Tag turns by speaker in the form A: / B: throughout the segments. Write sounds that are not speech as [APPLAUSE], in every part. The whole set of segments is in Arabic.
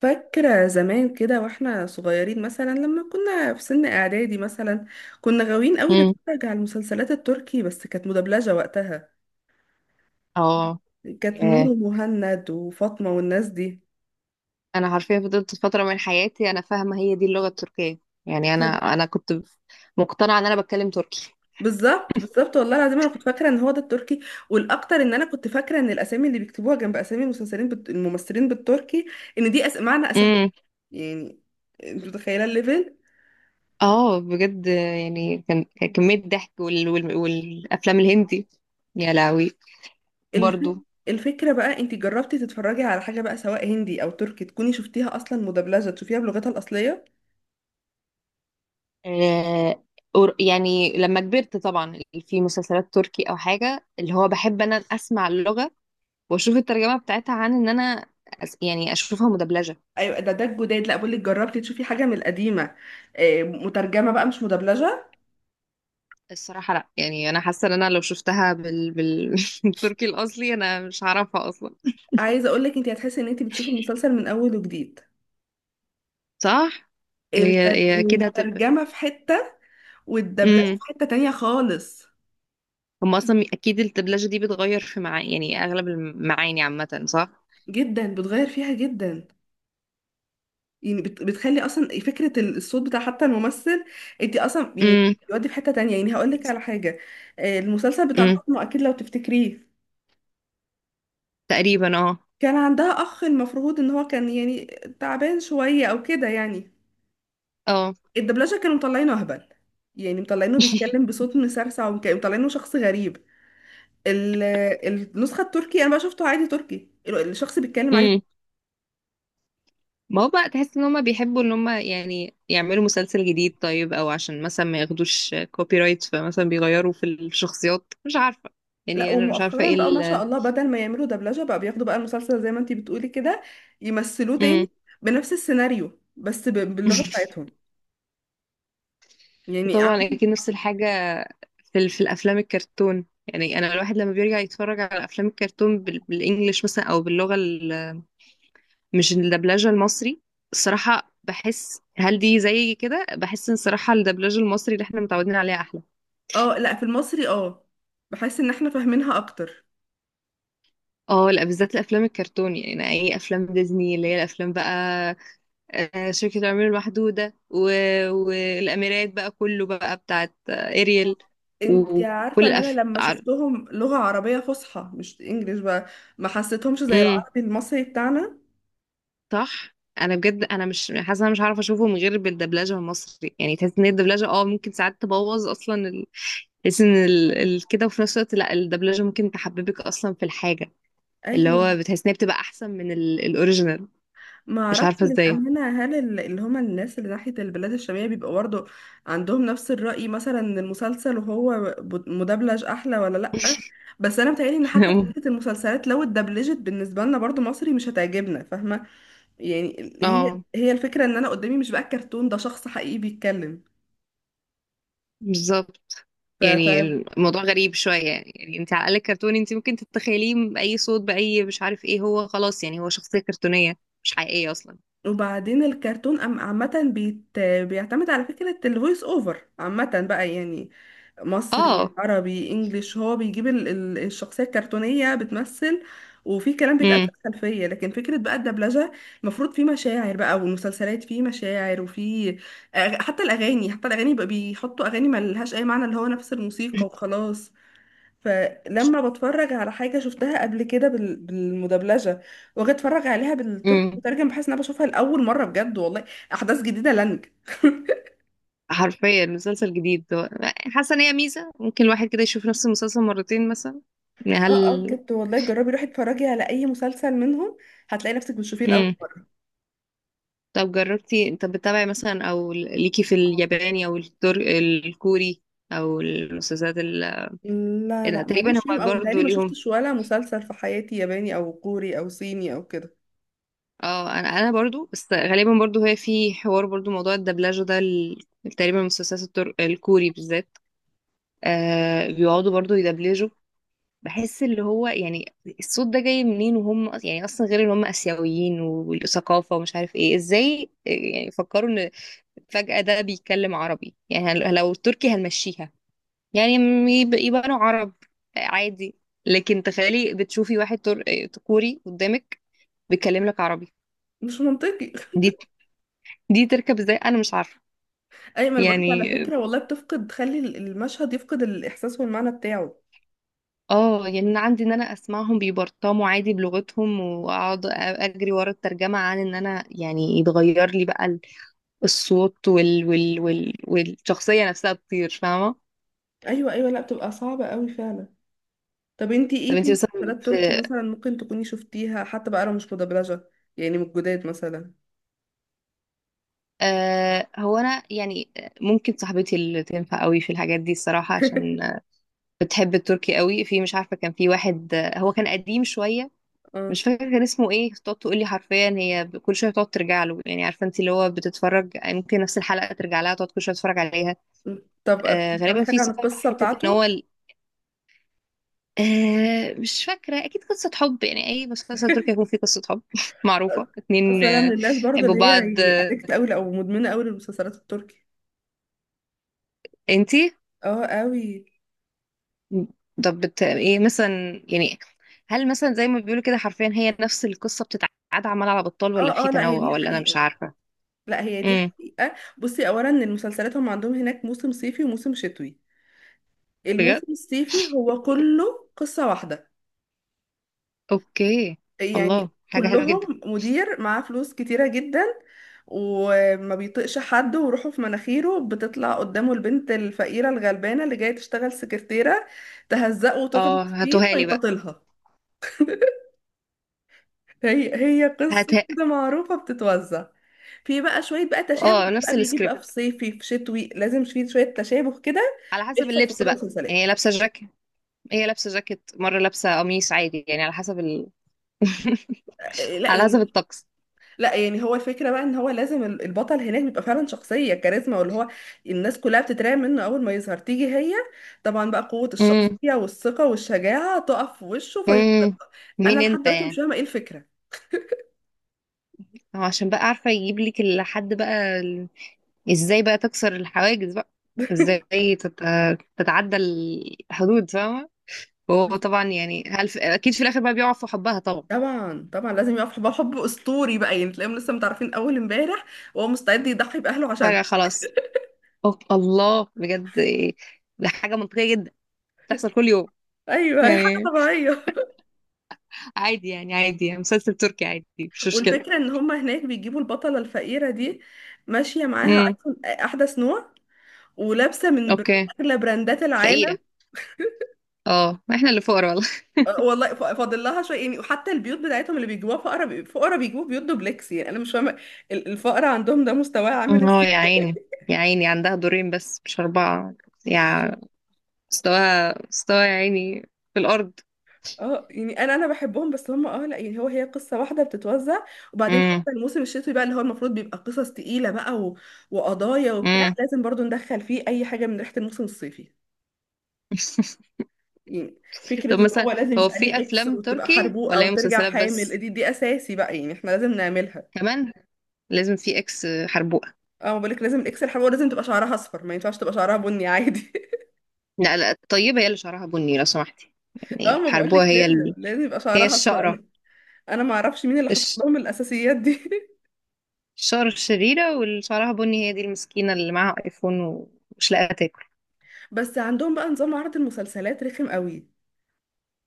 A: فاكرة زمان كده واحنا صغيرين مثلا، لما كنا في سن اعدادي مثلا كنا غاويين قوي
B: امم.
A: نتفرج على المسلسلات التركي، بس كانت مدبلجة وقتها.
B: اه.
A: كانت نور
B: ياه.
A: ومهند وفاطمة والناس دي.
B: انا حرفيا فضلت فتره من حياتي انا فاهمه هي دي اللغه التركيه. يعني انا
A: ف-
B: انا كنت مقتنعه ان انا بتكلم تركي.
A: بالظبط بالظبط والله العظيم انا كنت فاكرة ان هو ده التركي. والاكتر ان انا كنت فاكرة ان الاسامي اللي بيكتبوها جنب اسامي الممثلين بالتركي ان دي معنى اسامي.
B: امم.
A: يعني انت متخيلة الليفل.
B: اه. بجد يعني كان كميه ضحك والافلام الهندي. يا لهوي.
A: الف...
B: برضو.
A: الفكرة بقى، انت جربتي تتفرجي على حاجة بقى سواء هندي او تركي تكوني شفتيها اصلا مدبلجة تشوفيها بلغتها الاصلية؟
B: آه... يعني لما كبرت طبعا في مسلسلات تركي او حاجه اللي هو بحب انا اسمع اللغه واشوف الترجمه بتاعتها عن ان انا يعني اشوفها مدبلجه.
A: ايوه، ده الجداد. لا، بقول لك جربتي تشوفي حاجة من القديمة آه، مترجمة بقى مش مدبلجة.
B: الصراحة لا، يعني انا حاسة ان انا لو شفتها [LAUGHS] بالتركي الاصلي انا مش هعرفها اصلا.
A: عايزة اقول لك انت هتحسي ان انت بتشوفي المسلسل من اول وجديد.
B: صح. هي هي كده هتبقى.
A: الترجمة في حتة، والدبلجة
B: امم.
A: في حتة تانية خالص.
B: هم اصلا اكيد الدبلجة دي بتغير في معاني، يعني اغلب المعاني عامة، صح.
A: جدا، بتغير فيها جدا. يعني بتخلي اصلا فكره الصوت بتاع حتى الممثل، انت اصلا يعني
B: امم.
A: يودي في حته تانية. يعني هقول لك على حاجه آه، المسلسل بتاع
B: امم.
A: فاطمه اكيد لو تفتكريه.
B: تقريبا. اه.
A: كان عندها اخ المفروض ان هو كان يعني تعبان شويه او كده. يعني
B: اه.
A: الدبلجه كانوا مطلعينه اهبل، يعني مطلعينه بيتكلم
B: [LAUGHS]
A: بصوت مسرسع وكانوا مطلعينه شخص غريب. ال- النسخه التركي انا بقى شفته عادي تركي، الشخص بيتكلم عادي.
B: امم. ما هو بقى تحس ان هم بيحبوا ان هم يعني يعملوا مسلسل جديد طيب، او عشان مثلا ما ياخدوش كوبي رايت فمثلا بيغيروا في الشخصيات، مش عارفة،
A: لا،
B: يعني انا مش عارفة ايه
A: ومؤخرا بقى ما شاء
B: ال.
A: الله بدل ما يعملوا دبلجة بقى بياخدوا بقى المسلسل زي ما انتي بتقولي كده يمثلوه تاني
B: امم.
A: بنفس السيناريو بس باللغة
B: [LAUGHS]
A: بتاعتهم. يعني عم-
B: وطبعا اكيد نفس الحاجه في في الافلام الكرتون، يعني انا الواحد لما بيرجع يتفرج على افلام الكرتون بالانجلش مثلا، او باللغه مش الدبلجه المصري. الصراحه بحس هل دي زي كده، بحس ان الصراحه الدبلجه المصري اللي احنا متعودين عليها احلى.
A: اه لا، في المصري اه. بحس ان احنا فاهمينها اكتر.
B: اه لا، بالذات الافلام الكرتون، يعني اي افلام ديزني اللي هي الافلام بقى، شركه العمير المحدوده والاميرات بقى، كله بقى بتاعت اريل.
A: انتي عارفة
B: وكل
A: ان انا لما
B: عارف.
A: شفتهم لغة عربية فصحى مش انجليش بقى ما حسيتهمش زي العربي المصري بتاعنا.
B: صح. انا بجد انا مش حاسه انا مش هعرف اشوفه من غير بالدبلجه المصري. يعني تحس ان هي الدبلجه ممكن ساعات تبوظ اصلا تحس ان كده. وفي نفس الوقت لا، الدبلجه ممكن تحببك اصلا في الحاجه، اللي
A: ايوه،
B: هو بتحس ان هي بتبقى احسن من الاوريجينال.
A: ما
B: مش
A: اعرفش
B: عارفه ازاي.
A: للامانه هل اللي هما الناس اللي ناحيه البلاد الشاميه بيبقى برضه عندهم نفس الراي، مثلا إن المسلسل وهو مدبلج احلى ولا لا. بس انا متهيألي ان حتى فكره
B: [LAUGHS]
A: المسلسلات لو اتدبلجت بالنسبه لنا برضه مصري مش هتعجبنا، فاهمه؟ يعني هي
B: اه
A: هي الفكره ان انا قدامي مش بقى كرتون، ده شخص حقيقي بيتكلم.
B: بالظبط. يعني الموضوع غريب شويه، يعني يعني انت على الاقل كرتوني، انت ممكن تتخيليه باي صوت باي، مش عارف ايه، هو خلاص يعني هو شخصيه كرتونيه مش حقيقيه اصلا.
A: وبعدين الكرتون عامة بيعتمد على فكرة الفويس اوفر عامة بقى. يعني مصري،
B: اه.
A: عربي، انجليش هو بيجيب الشخصية الكرتونية بتمثل وفي كلام بيتقال
B: امم.
A: في الخلفية، لكن فكرة بقى الدبلجة، المفروض في مشاعر بقى، والمسلسلات في مشاعر وفي حتى الأغاني، حتى الأغاني بقى بيحطوا أغاني ملهاش أي معنى، اللي هو نفس الموسيقى وخلاص. فلما بتفرج على حاجة شفتها قبل كده بالمدبلجة واجي اتفرج عليها بالتركي
B: [LAUGHS]
A: مترجم بحس ان انا بشوفها لأول مرة بجد والله. أحداث جديدة لنج. [LAUGHS]
B: حرفيا مسلسل جديد حاسه ان هي ميزه، ممكن الواحد كده يشوف نفس المسلسل مرتين مثلا، يعني هل.
A: اه اه بجد والله، جربي روحي اتفرجي على أي مسلسل منهم هتلاقي نفسك بتشوفيه لأول
B: امم.
A: مرة.
B: طب بتتابعي مثلا، او ليكي في الياباني او الكوري، او المسلسلات
A: لا
B: أنا
A: لا،
B: تقريبا
A: ماليش فيهم
B: هم
A: أوي،
B: برضو
A: متهيألي ما
B: ليهم.
A: شفتش ولا مسلسل في حياتي ياباني أو كوري أو صيني أو كده.
B: اه انا برضو، بس غالبا برضو هي في حوار برضو موضوع الدبلجه ده تقريبا المسلسلات الكوري بالذات. بيقعدوا برضو يدبلجوا، بحس اللي هو يعني الصوت ده جاي منين، وهم يعني اصلا، غير ان هم اسيويين والثقافه ومش عارف ايه، ازاي يعني فكروا ان فجاه ده بيتكلم عربي؟ يعني لو التركي هنمشيها، يعني يبقوا عرب عادي. لكن تخيلي بتشوفي واحد كوري قدامك بيتكلم لك عربي.
A: مش منطقي.
B: دي دي تركب ازاي؟ انا مش عارفه.
A: [LAUGHS] أي ما أنا بقولك، على
B: يعني
A: فكرة والله بتفقد، تخلي المشهد يفقد الإحساس والمعنى بتاعه.
B: اه، يعني انا عندي ان انا اسمعهم بيبرطموا عادي بلغتهم، واقعد اجري ورا الترجمه عن ان انا، يعني يتغير لي بقى الصوت والشخصية نفسها بتطير، فاهمة.
A: أيوه أيوه، لا بتبقى صعبة أوي فعلا. طب انتي
B: طب
A: ايه في
B: انتي مثلا
A: مسلسلات تركي
B: في
A: مثلا ممكن تكوني شفتيها حتى بقى لو مش مدبلجة؟ يعني من الجداد مثلا.
B: هو انا يعني ممكن صاحبتي اللي تنفع قوي في الحاجات دي الصراحة،
A: [LAUGHS]
B: عشان بتحب التركي قوي، في مش عارفة كان في واحد هو كان قديم شوية،
A: اه.
B: مش فاكرة كان اسمه ايه، تقعد تقول لي حرفيا، هي كل شوية تقعد ترجع له، يعني عارفة انت اللي هو بتتفرج، يعني ممكن نفس الحلقة ترجع لها تقعد كل شوية تتفرج عليها.
A: طب بتعرفي
B: غالبا في
A: حاجة عن القصة
B: حتة ان هو
A: بتاعته؟
B: مش فاكرة. أكيد قصة حب، يعني أي مسلسل تركي
A: [LAUGHS]
B: هيكون فيه قصة حب. [LAUGHS] معروفة، اتنين
A: اصلا انا من الناس برضو
B: حبوا
A: اللي هي
B: بعض
A: يعني ادكت قوي او مدمنة قوي للمسلسلات التركي.
B: انتي.
A: اه قوي.
B: طب ايه مثلا يعني؟ هل مثلا زي ما بيقولوا كده، حرفيا هي نفس القصة بتتعاد عمال على بطال، ولا
A: اه
B: في
A: اه لا، هي
B: تنوع،
A: دي
B: ولا أنا مش
A: حقيقة.
B: عارفة.
A: لا هي دي
B: امم.
A: حقيقة. بصي، اولا ان المسلسلات هم عندهم هناك موسم صيفي وموسم شتوي.
B: بجد؟
A: الموسم الصيفي هو كله قصة واحدة،
B: أوكي.
A: يعني
B: الله، حاجة حلوة جدا.
A: كلهم مدير معاه فلوس كتيرة جدا وما بيطقش حد وروحه في مناخيره، بتطلع قدامه البنت الفقيرة الغلبانة اللي جاية تشتغل سكرتيرة تهزقه
B: اه
A: وتغلط فيه
B: هاتوها لي بقى.
A: فيتطلها. [LAUGHS] هي هي
B: هات.
A: قصة كده معروفة بتتوزع. في بقى شوية بقى تشابه،
B: اه،
A: ده بقى
B: نفس
A: بيجي
B: السكريبت،
A: بقى في صيفي، في شتوي لازم في شوية تشابه كده
B: على حسب
A: بيحصل في
B: اللبس
A: كل
B: بقى. يعني
A: المسلسلات.
B: هي لابسة جاكيت مرة، لابسة قميص عادي، يعني على حسب. [LAUGHS]
A: آه، لا
B: على حسب
A: يعني.
B: الطقس.
A: لا يعني هو الفكرة بقى ان هو لازم البطل هناك بيبقى فعلا شخصية كاريزما، واللي هو الناس كلها بتترعب منه اول ما يظهر. تيجي هي طبعا بقى قوة
B: امم.
A: الشخصية والثقة والشجاعة تقف في وشه
B: امم.
A: فيصدقها. انا
B: مين
A: لحد
B: انت
A: دلوقتي مش
B: يعني؟
A: فاهمة ايه الفكرة.
B: هو عشان بقى عارفه يجيب لك لحد بقى ازاي بقى تكسر الحواجز بقى؟ ازاي تتعدى الحدود، فاهمه؟ وهو طبعا يعني اكيد في الاخر بقى بيقع في حبها طبعا.
A: طبعا طبعا لازم يقف حب، حب اسطوري بقى يعني، تلاقيهم لسه متعرفين اول امبارح وهو مستعد يضحي باهله
B: فجاه
A: عشانها.
B: خلاص. أوه. الله. بجد إيه؟ ده حاجه منطقيه جدا، تحصل كل يوم،
A: ايوه هي حاجه
B: يعني
A: طبيعيه.
B: عادي، يعني عادي، يعني مسلسل تركي عادي، مش
A: [LAUGHS]
B: مشكله.
A: والفكره ان هم هناك بيجيبوا البطله الفقيره دي ماشيه معاها
B: امم.
A: ايفون احدث نوع ولابسه من
B: اوكي.
A: اغلى براندات العالم.
B: فقيره. اه، ما احنا اللي فقراء.
A: آه، والله فاضل لها شويه يعني، وحتى البيوت بتاعتهم اللي بيجيبوها فقرا فقرا بيجيبوا بيوت دوبلكس، يعني انا مش فاهمه الفقر عندهم ده مستواه عامل
B: اه
A: ازاي.
B: يا
A: [LAUGHS]
B: عيني، يا عيني، عندها دورين بس مش أربعة. يا. مستواها مستواها يا عيني في الأرض.
A: اه يعني انا بحبهم، بس هم اه لا يعني هو هي قصه واحده بتتوزع. وبعدين
B: امم.
A: حتى الموسم الشتوي بقى اللي هو المفروض بيبقى قصص تقيله بقى، و... وقضايا وبتاع،
B: امم.
A: لازم برضو ندخل فيه اي حاجه من ريحه الموسم الصيفي.
B: [LAUGHS]
A: يعني فكره
B: طب
A: ان
B: مثلا
A: هو لازم
B: هو
A: يبقى
B: في
A: ليه اكس
B: أفلام
A: وتبقى
B: تركي،
A: حربوقه
B: ولا هي
A: وترجع
B: مسلسلات
A: حامل،
B: بس؟
A: دي اساسي بقى يعني احنا لازم نعملها.
B: كمان لازم في إكس حربوقة؟
A: اه بقولك لازم الاكس الحربوقه لازم تبقى شعرها اصفر، ما ينفعش تبقى شعرها بني عادي. [LAUGHS]
B: لا لا، الطيبة هي اللي شعرها بني لو سمحتي. يعني
A: اه، ما
B: الحربوقة
A: بقولك
B: هي
A: لازم لازم يبقى
B: هي
A: شعرها اصفر.
B: الشقرة
A: انا ما اعرفش مين اللي حاطط
B: الش...
A: لهم الاساسيات دي. [LAUGHS]
B: الشقرة الشريرة، واللي شعرها بني هي دي المسكينة اللي معاها آيفون ومش لاقية تاكل.
A: بس عندهم بقى نظام عرض المسلسلات رخم قوي،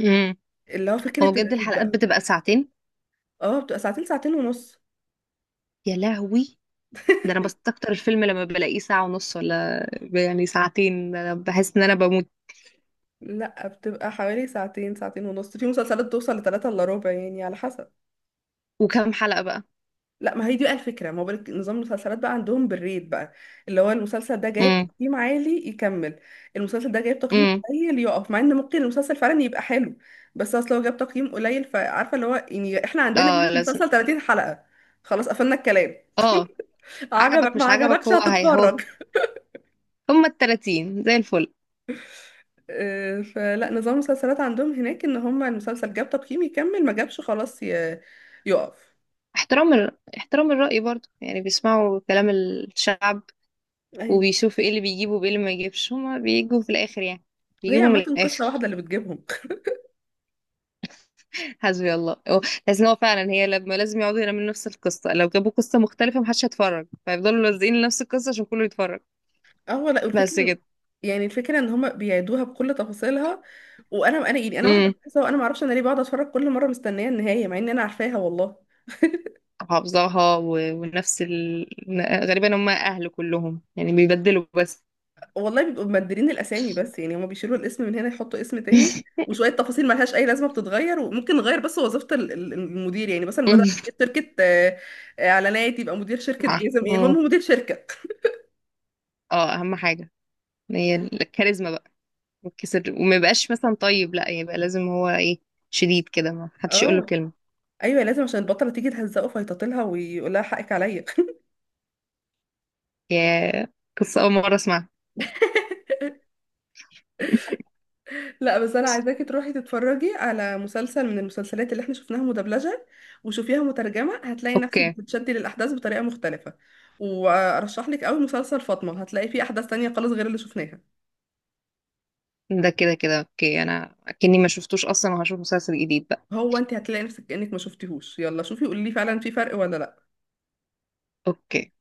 B: امم.
A: اللي هو
B: هو
A: فكرة
B: بجد
A: الريت
B: الحلقات
A: بقى.
B: بتبقى ساعتين؟
A: اه، بتبقى ساعتين، ساعتين ونص.
B: يا لهوي، ده انا بستكتر الفيلم لما بلاقيه ساعة ونص، ولا يعني ساعتين، ده أنا بحس ان انا بموت.
A: لا، بتبقى حوالي ساعتين، ساعتين ونص، في مسلسلات توصل لثلاثة الا ربع يعني على حسب.
B: وكم حلقة بقى؟
A: لا، ما هي دي بقى الفكره، ما هو بالك نظام المسلسلات بقى عندهم بالريت بقى، اللي هو المسلسل ده جايب
B: امم.
A: تقييم عالي يكمل، المسلسل ده جايب تقييم
B: امم.
A: قليل يقف، مع ان ممكن المسلسل فعلا يبقى حلو، بس اصل هو جاب تقييم قليل. فعارفه اللي هو يعني احنا عندنا هنا
B: اه لازم.
A: المسلسل 30 حلقه خلاص قفلنا الكلام،
B: اه.
A: عجبك
B: عجبك
A: ما
B: مش عجبك،
A: عجبكش
B: هو هي هو،
A: هتتفرج. [LAUGHS]
B: هما التلاتين زي الفل.
A: آه، فلا نظام المسلسلات عندهم هناك ان هم المسلسل جاب تقييم يكمل، ما جابش خلاص يقف.
B: احترام احترام الرأي برضو، يعني بيسمعوا كلام الشعب،
A: ايوه
B: وبيشوفوا ايه اللي بيجيبوا وايه اللي ما يجيبش، هما بيجوا في الاخر يعني
A: هي
B: بيجيبوا من
A: عامه قصه
B: الاخر.
A: واحده اللي بتجيبهم.
B: [LAUGHS] حسبي الله، هو لازم هو فعلا هي لما لازم يقعدوا يعملوا نفس القصة، لو جابوا قصة مختلفة محدش هيتفرج، فيفضلوا لازقين لنفس القصة عشان كله يتفرج.
A: اه لا والفكره،
B: بس كده.
A: يعني الفكره ان هما بيعيدوها بكل تفاصيلها. وانا يعني انا واحده
B: امم.
A: بحسها وانا ما اعرفش انا ليه بقعد اتفرج كل مره مستنيه النهايه مع ان انا عارفاها والله.
B: حافظاها ونفس غالبا هم اهل كلهم يعني بيبدلوا بس.
A: والله بيبقوا مبدلين الاسامي بس، يعني هما بيشيلوا الاسم من هنا يحطوا اسم تاني
B: [LAUGHS]
A: وشويه تفاصيل ملهاش اي لازمه بتتغير. وممكن نغير بس وظيفه المدير يعني، مثلا مدى
B: مم.
A: شركه آه، آه، اعلانات، يبقى مدير شركه جزم، ايه
B: مم.
A: هم مدير شركه.
B: اه، اهم حاجه هي الكاريزما بقى، يتكسر وما يبقاش مثلا طيب، لا يبقى لازم هو ايه، شديد كده ما حدش يقول له
A: اه
B: كلمه.
A: ايوه، لازم عشان البطله تيجي تهزقه فيتطلها ويقول لها حقك عليا.
B: يا. قصه اول مره اسمعها.
A: [LAUGHS] لا بس انا عايزاكي تروحي تتفرجي على مسلسل من المسلسلات اللي احنا شفناها مدبلجة وشوفيها مترجمة، هتلاقي نفسك
B: اوكي.
A: بتتشدي للاحداث بطريقة مختلفة. وارشح لك قوي مسلسل فاطمة هتلاقي فيه احداث تانية خالص غير اللي شفناها.
B: ده كده كده اوكي، انا كاني ما شفتوش اصلا وهشوف مسلسل جديد بقى.
A: هو انت هتلاقي نفسك كأنك ما شفتيهوش، يلا شوفي قولي لي فعلا في فرق ولا لا.
B: اوكي.